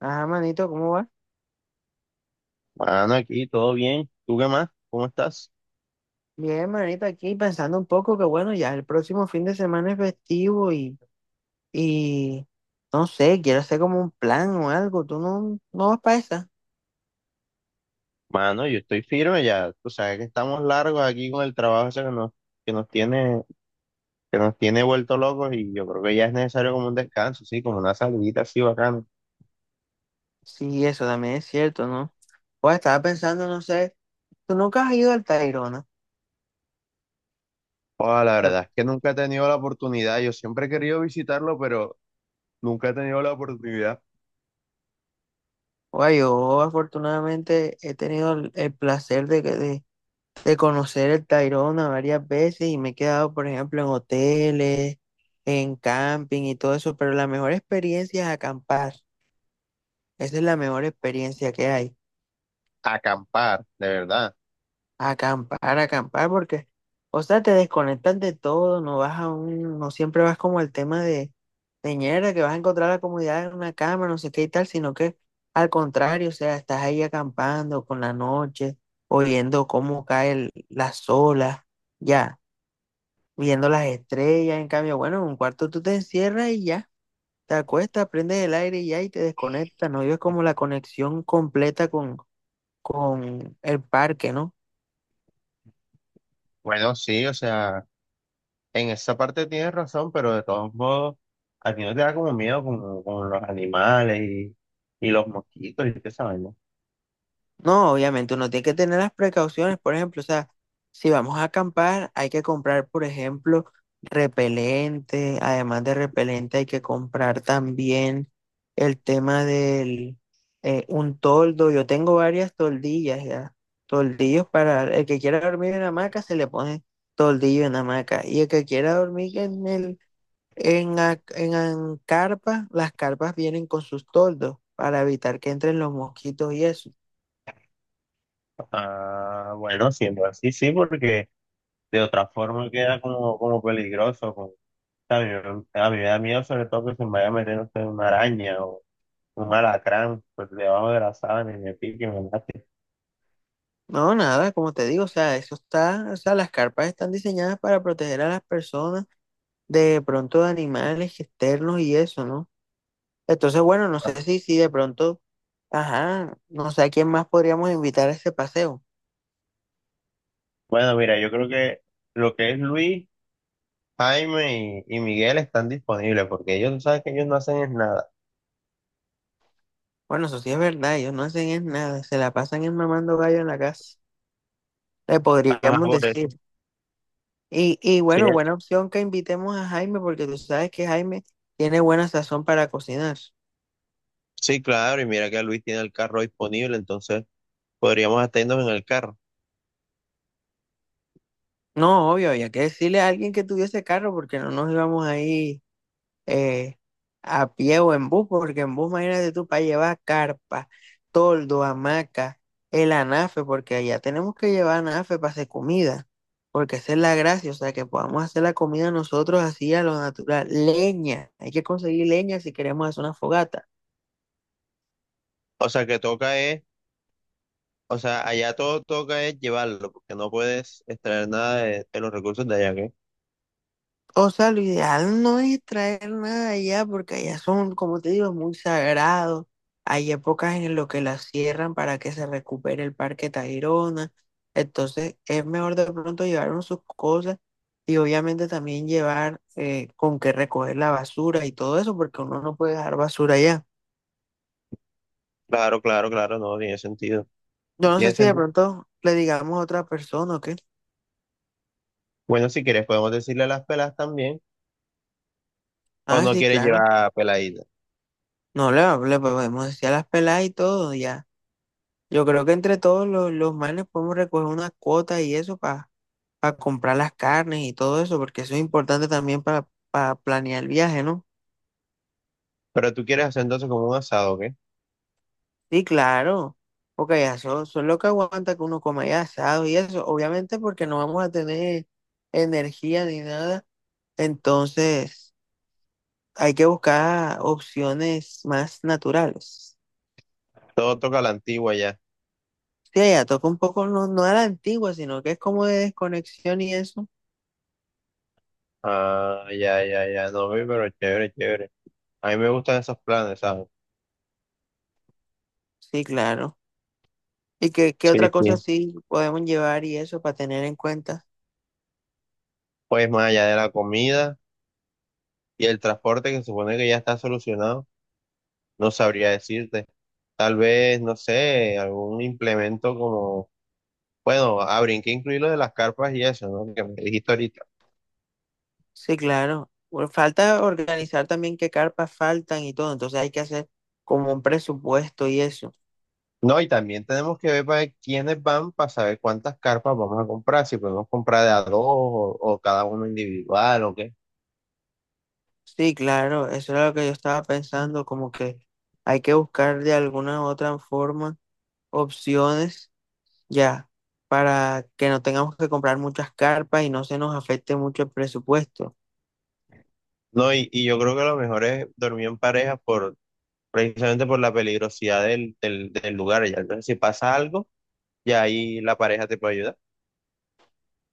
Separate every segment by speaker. Speaker 1: Ajá, manito, ¿cómo va?
Speaker 2: Mano, aquí todo bien. ¿Tú qué más? ¿Cómo estás?
Speaker 1: Bien, manito, aquí pensando un poco que bueno, ya el próximo fin de semana es festivo y no sé, quiero hacer como un plan o algo. ¿Tú no vas para esa?
Speaker 2: Mano, yo estoy firme ya. Tú sabes que estamos largos aquí con el trabajo ese que nos tiene, que nos tiene vuelto locos y yo creo que ya es necesario como un descanso, sí, como una salidita así bacana.
Speaker 1: Sí, eso también es cierto, ¿no? Pues estaba pensando, no sé, tú nunca has ido al Tayrona.
Speaker 2: Joda, la verdad es que nunca he tenido la oportunidad. Yo siempre he querido visitarlo, pero nunca he tenido la oportunidad.
Speaker 1: Oye, yo afortunadamente he tenido el placer de conocer el Tayrona varias veces y me he quedado, por ejemplo, en hoteles, en camping y todo eso, pero la mejor experiencia es acampar. Esa es la mejor experiencia que hay.
Speaker 2: Acampar, de verdad.
Speaker 1: Acampar, acampar, porque, o sea, te desconectas de todo, no vas a un, no siempre vas como al tema de teñera, que vas a encontrar la comunidad en una cama, no sé qué y tal, sino que al contrario, o sea, estás ahí acampando con la noche, oyendo cómo cae las olas, ya. Viendo las estrellas. En cambio, bueno, en un cuarto tú te encierras y ya, te acuestas, prendes el aire y ya, y te desconectas. No vives como la conexión completa con el parque, ¿no?
Speaker 2: Bueno, sí, o sea, en esa parte tienes razón, pero de todos modos, a ti no te da como miedo con los animales y los mosquitos y qué sabemos.
Speaker 1: No, obviamente uno tiene que tener las precauciones, por ejemplo, o sea, si vamos a acampar, hay que comprar, por ejemplo, repelente, además de repelente hay que comprar también el tema del un toldo. Yo tengo varias toldillas ya, toldillos para el que quiera dormir en hamaca se le pone toldillo en hamaca, y el que quiera dormir en el en carpa, las carpas vienen con sus toldos para evitar que entren los mosquitos y eso.
Speaker 2: Ah, bueno, siendo así, sí, porque de otra forma queda como, como peligroso. A mí, a mí me da miedo sobre todo que se me vaya a meter no sé, una araña o un alacrán pues, debajo de la sábana y me pique y me mate.
Speaker 1: No, nada, como te digo, o sea, eso está, o sea, las carpas están diseñadas para proteger a las personas de pronto de animales externos y eso, ¿no? Entonces, bueno, no sé si de pronto, ajá, no sé a quién más podríamos invitar a ese paseo.
Speaker 2: Bueno, mira, yo creo que lo que es Luis, Jaime y Miguel están disponibles porque ellos, tú sabes que ellos no hacen es nada.
Speaker 1: Bueno, eso sí es verdad, ellos no hacen es nada, se la pasan en mamando gallo en la casa, le
Speaker 2: Ajá,
Speaker 1: podríamos
Speaker 2: por
Speaker 1: decir.
Speaker 2: eso.
Speaker 1: Y
Speaker 2: Sí,
Speaker 1: bueno, buena opción que invitemos a Jaime, porque tú sabes que Jaime tiene buena sazón para cocinar.
Speaker 2: sí, claro, y mira que Luis tiene el carro disponible, entonces podríamos atendernos en el carro.
Speaker 1: No, obvio, había que decirle a alguien que tuviese carro, porque no nos íbamos ahí eh, a pie o en bus, porque en bus, imagínate tú, para llevar carpa, toldo, hamaca, el anafe, porque allá tenemos que llevar anafe para hacer comida, porque esa es la gracia, o sea, que podamos hacer la comida nosotros así a lo natural. Leña, hay que conseguir leña si queremos hacer una fogata.
Speaker 2: O sea, o sea, allá todo toca es llevarlo, porque no puedes extraer nada de los recursos de allá, ¿qué?
Speaker 1: O sea, lo ideal no es traer nada de allá, porque allá son, como te digo, muy sagrados. Hay épocas en las que las cierran para que se recupere el Parque Tayrona. Entonces, es mejor de pronto llevar uno sus cosas, y obviamente también llevar con qué recoger la basura y todo eso, porque uno no puede dejar basura allá.
Speaker 2: Claro, claro, claro, no, tiene sentido.
Speaker 1: Yo no sé
Speaker 2: Tiene
Speaker 1: si de
Speaker 2: sentido.
Speaker 1: pronto le digamos a otra persona o qué.
Speaker 2: Bueno, si quieres podemos decirle a las pelas también, o
Speaker 1: Ah,
Speaker 2: no
Speaker 1: sí,
Speaker 2: quieres
Speaker 1: claro.
Speaker 2: llevar peladitas.
Speaker 1: No, le podemos decir a las peladas y todo, ya. Yo creo que entre todos los manes podemos recoger unas cuotas y eso para comprar las carnes y todo eso, porque eso es importante también para planear el viaje, ¿no?
Speaker 2: Pero tú quieres hacer entonces como un asado, ¿qué?
Speaker 1: Sí, claro, porque ya son lo que aguanta que uno coma ya asado y eso, obviamente porque no vamos a tener energía ni nada, entonces hay que buscar opciones más naturales.
Speaker 2: Todo toca a la antigua ya.
Speaker 1: Sí, ya toca un poco, no, no a la antigua, sino que es como de desconexión y eso.
Speaker 2: Ah, ya, ya, ya, no, ve, pero chévere, chévere. A mí me gustan esos planes, ¿sabes?
Speaker 1: Sí, claro. ¿Y qué
Speaker 2: Sí,
Speaker 1: otra cosa
Speaker 2: sí.
Speaker 1: sí podemos llevar y eso para tener en cuenta?
Speaker 2: Pues más allá de la comida y el transporte, que se supone que ya está solucionado, no sabría decirte. Tal vez, no sé, algún implemento como, bueno, habría que incluir lo de las carpas y eso, ¿no? Que me dijiste ahorita.
Speaker 1: Sí, claro. Bueno, falta organizar también qué carpas faltan y todo, entonces hay que hacer como un presupuesto y eso.
Speaker 2: No, y también tenemos que ver para quiénes van para saber cuántas carpas vamos a comprar, si podemos comprar de a dos o cada uno individual o qué.
Speaker 1: Sí, claro, eso era lo que yo estaba pensando, como que hay que buscar de alguna u otra forma opciones ya para que no tengamos que comprar muchas carpas y no se nos afecte mucho el presupuesto.
Speaker 2: No, y yo creo que lo mejor es dormir en pareja por, precisamente por la peligrosidad del lugar. Ya, entonces, si pasa algo, ya ahí la pareja te puede ayudar.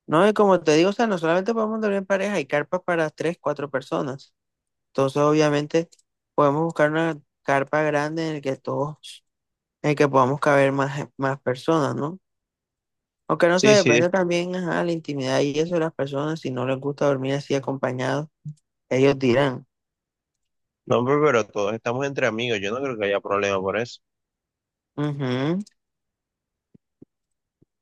Speaker 1: No, y como te digo, o sea, no solamente podemos dormir en pareja, hay carpas para tres, cuatro personas. Entonces, obviamente, podemos buscar una carpa grande en el que todos, en el que podamos caber más personas, ¿no? Aunque no se
Speaker 2: Sí, sí,
Speaker 1: depende también, ajá, la intimidad y eso de las personas, si no les gusta dormir así acompañados, ellos dirán.
Speaker 2: no, pero todos estamos entre amigos, yo no creo que haya problema por eso.
Speaker 1: Ujú.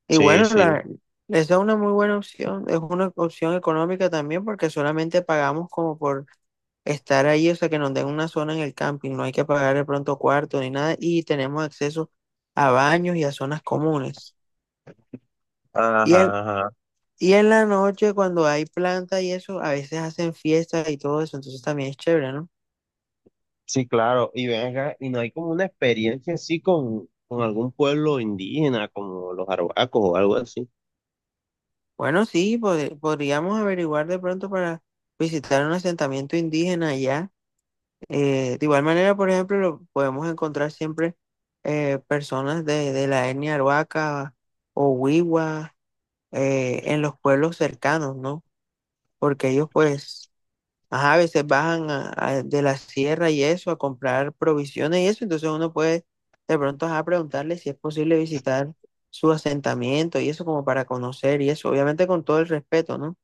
Speaker 1: Y
Speaker 2: Sí,
Speaker 1: bueno,
Speaker 2: sí,
Speaker 1: esa es una muy buena opción, es una opción económica también porque solamente pagamos como por estar ahí, o sea, que nos den una zona en el camping, no hay que pagar de pronto cuarto ni nada y tenemos acceso a baños y a zonas comunes. Y en
Speaker 2: ajá, ajá.
Speaker 1: Y en la noche, cuando hay planta y eso, a veces hacen fiestas y todo eso, entonces también es chévere, ¿no?
Speaker 2: Sí, claro, y ven acá, y no hay como una experiencia así con algún pueblo indígena, como los arhuacos o algo así.
Speaker 1: Bueno, sí, podríamos averiguar de pronto para visitar un asentamiento indígena allá. De igual manera, por ejemplo, podemos encontrar siempre personas de la etnia Arhuaca o Wiwa en los pueblos cercanos, ¿no? Porque ellos pues ajá, a veces bajan de la sierra y eso, a comprar provisiones y eso, entonces uno puede de pronto ajá, preguntarle si es posible visitar su asentamiento y eso como para conocer y eso, obviamente con todo el respeto, ¿no?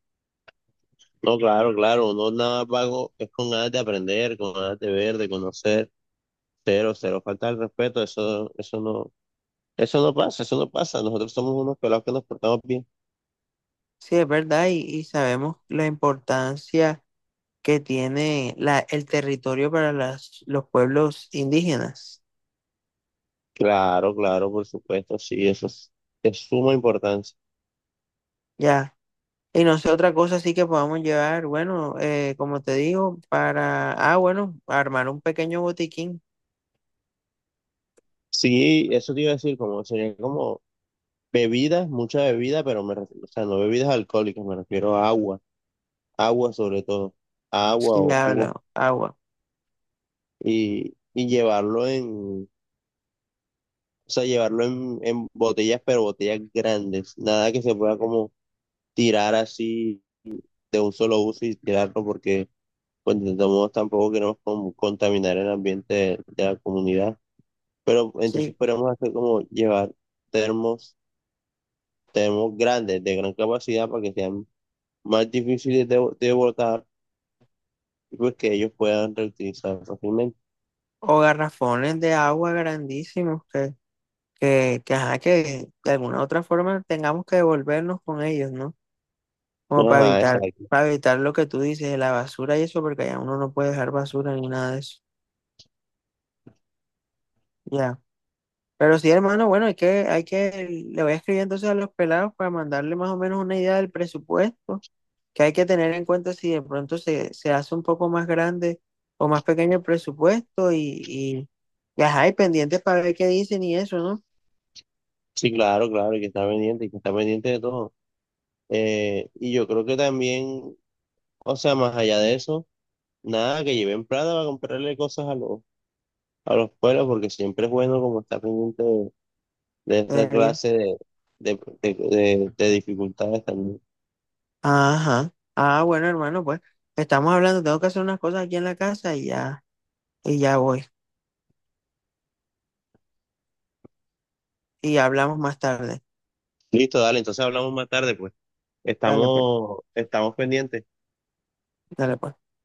Speaker 2: No, claro, claro, no nada pago, es con ganas de aprender, con ganas de ver, de conocer, cero, cero, falta el respeto, eso, eso no pasa, nosotros somos unos pelados que nos portamos bien.
Speaker 1: Sí, es verdad y sabemos la importancia que tiene el territorio para los pueblos indígenas,
Speaker 2: Claro, claro, por supuesto, sí, eso es de suma importancia.
Speaker 1: ya. Y no sé, otra cosa sí que podamos llevar, bueno, como te digo, para, ah, bueno, armar un pequeño botiquín.
Speaker 2: Sí, eso te iba a decir, como sería como bebidas, mucha bebida, pero me refiero, o sea, no bebidas alcohólicas, me refiero a agua, agua sobre todo, agua
Speaker 1: Si
Speaker 2: o jugo,
Speaker 1: habla, agua.
Speaker 2: y llevarlo en, o sea, llevarlo en botellas, pero botellas grandes, nada que se pueda como tirar así de un solo uso y tirarlo porque, pues, de todos modos tampoco queremos como contaminar el ambiente de la comunidad, pero entonces
Speaker 1: Sí,
Speaker 2: podemos hacer como llevar termos, termos grandes, de gran capacidad para que sean más difíciles de botar y pues que ellos puedan reutilizar fácilmente.
Speaker 1: o garrafones de agua grandísimos que de alguna otra forma tengamos que devolvernos con ellos, ¿no? Como para
Speaker 2: Ajá,
Speaker 1: evitar,
Speaker 2: exacto.
Speaker 1: para evitar lo que tú dices, la basura y eso, porque ya uno no puede dejar basura ni nada de eso. Ya. Pero sí, hermano, bueno, le voy a escribir entonces a los pelados para mandarle más o menos una idea del presupuesto que hay que tener en cuenta si de pronto se hace un poco más grande o más pequeño el presupuesto y pendientes para ver qué dicen y eso, ¿no?
Speaker 2: Sí, claro, claro, y que está pendiente, y que está pendiente de todo. Y yo creo que también, o sea, más allá de eso, nada, que lleven plata para comprarle cosas a los pueblos, porque siempre es bueno como estar pendiente de esa
Speaker 1: Ey,
Speaker 2: clase de dificultades también.
Speaker 1: ajá. Ah, bueno, hermano, pues estamos hablando, tengo que hacer unas cosas aquí en la casa y ya voy. Y hablamos más tarde.
Speaker 2: Listo, dale, entonces hablamos más tarde, pues.
Speaker 1: Dale, pues,
Speaker 2: Estamos, estamos pendientes.
Speaker 1: dale, pues.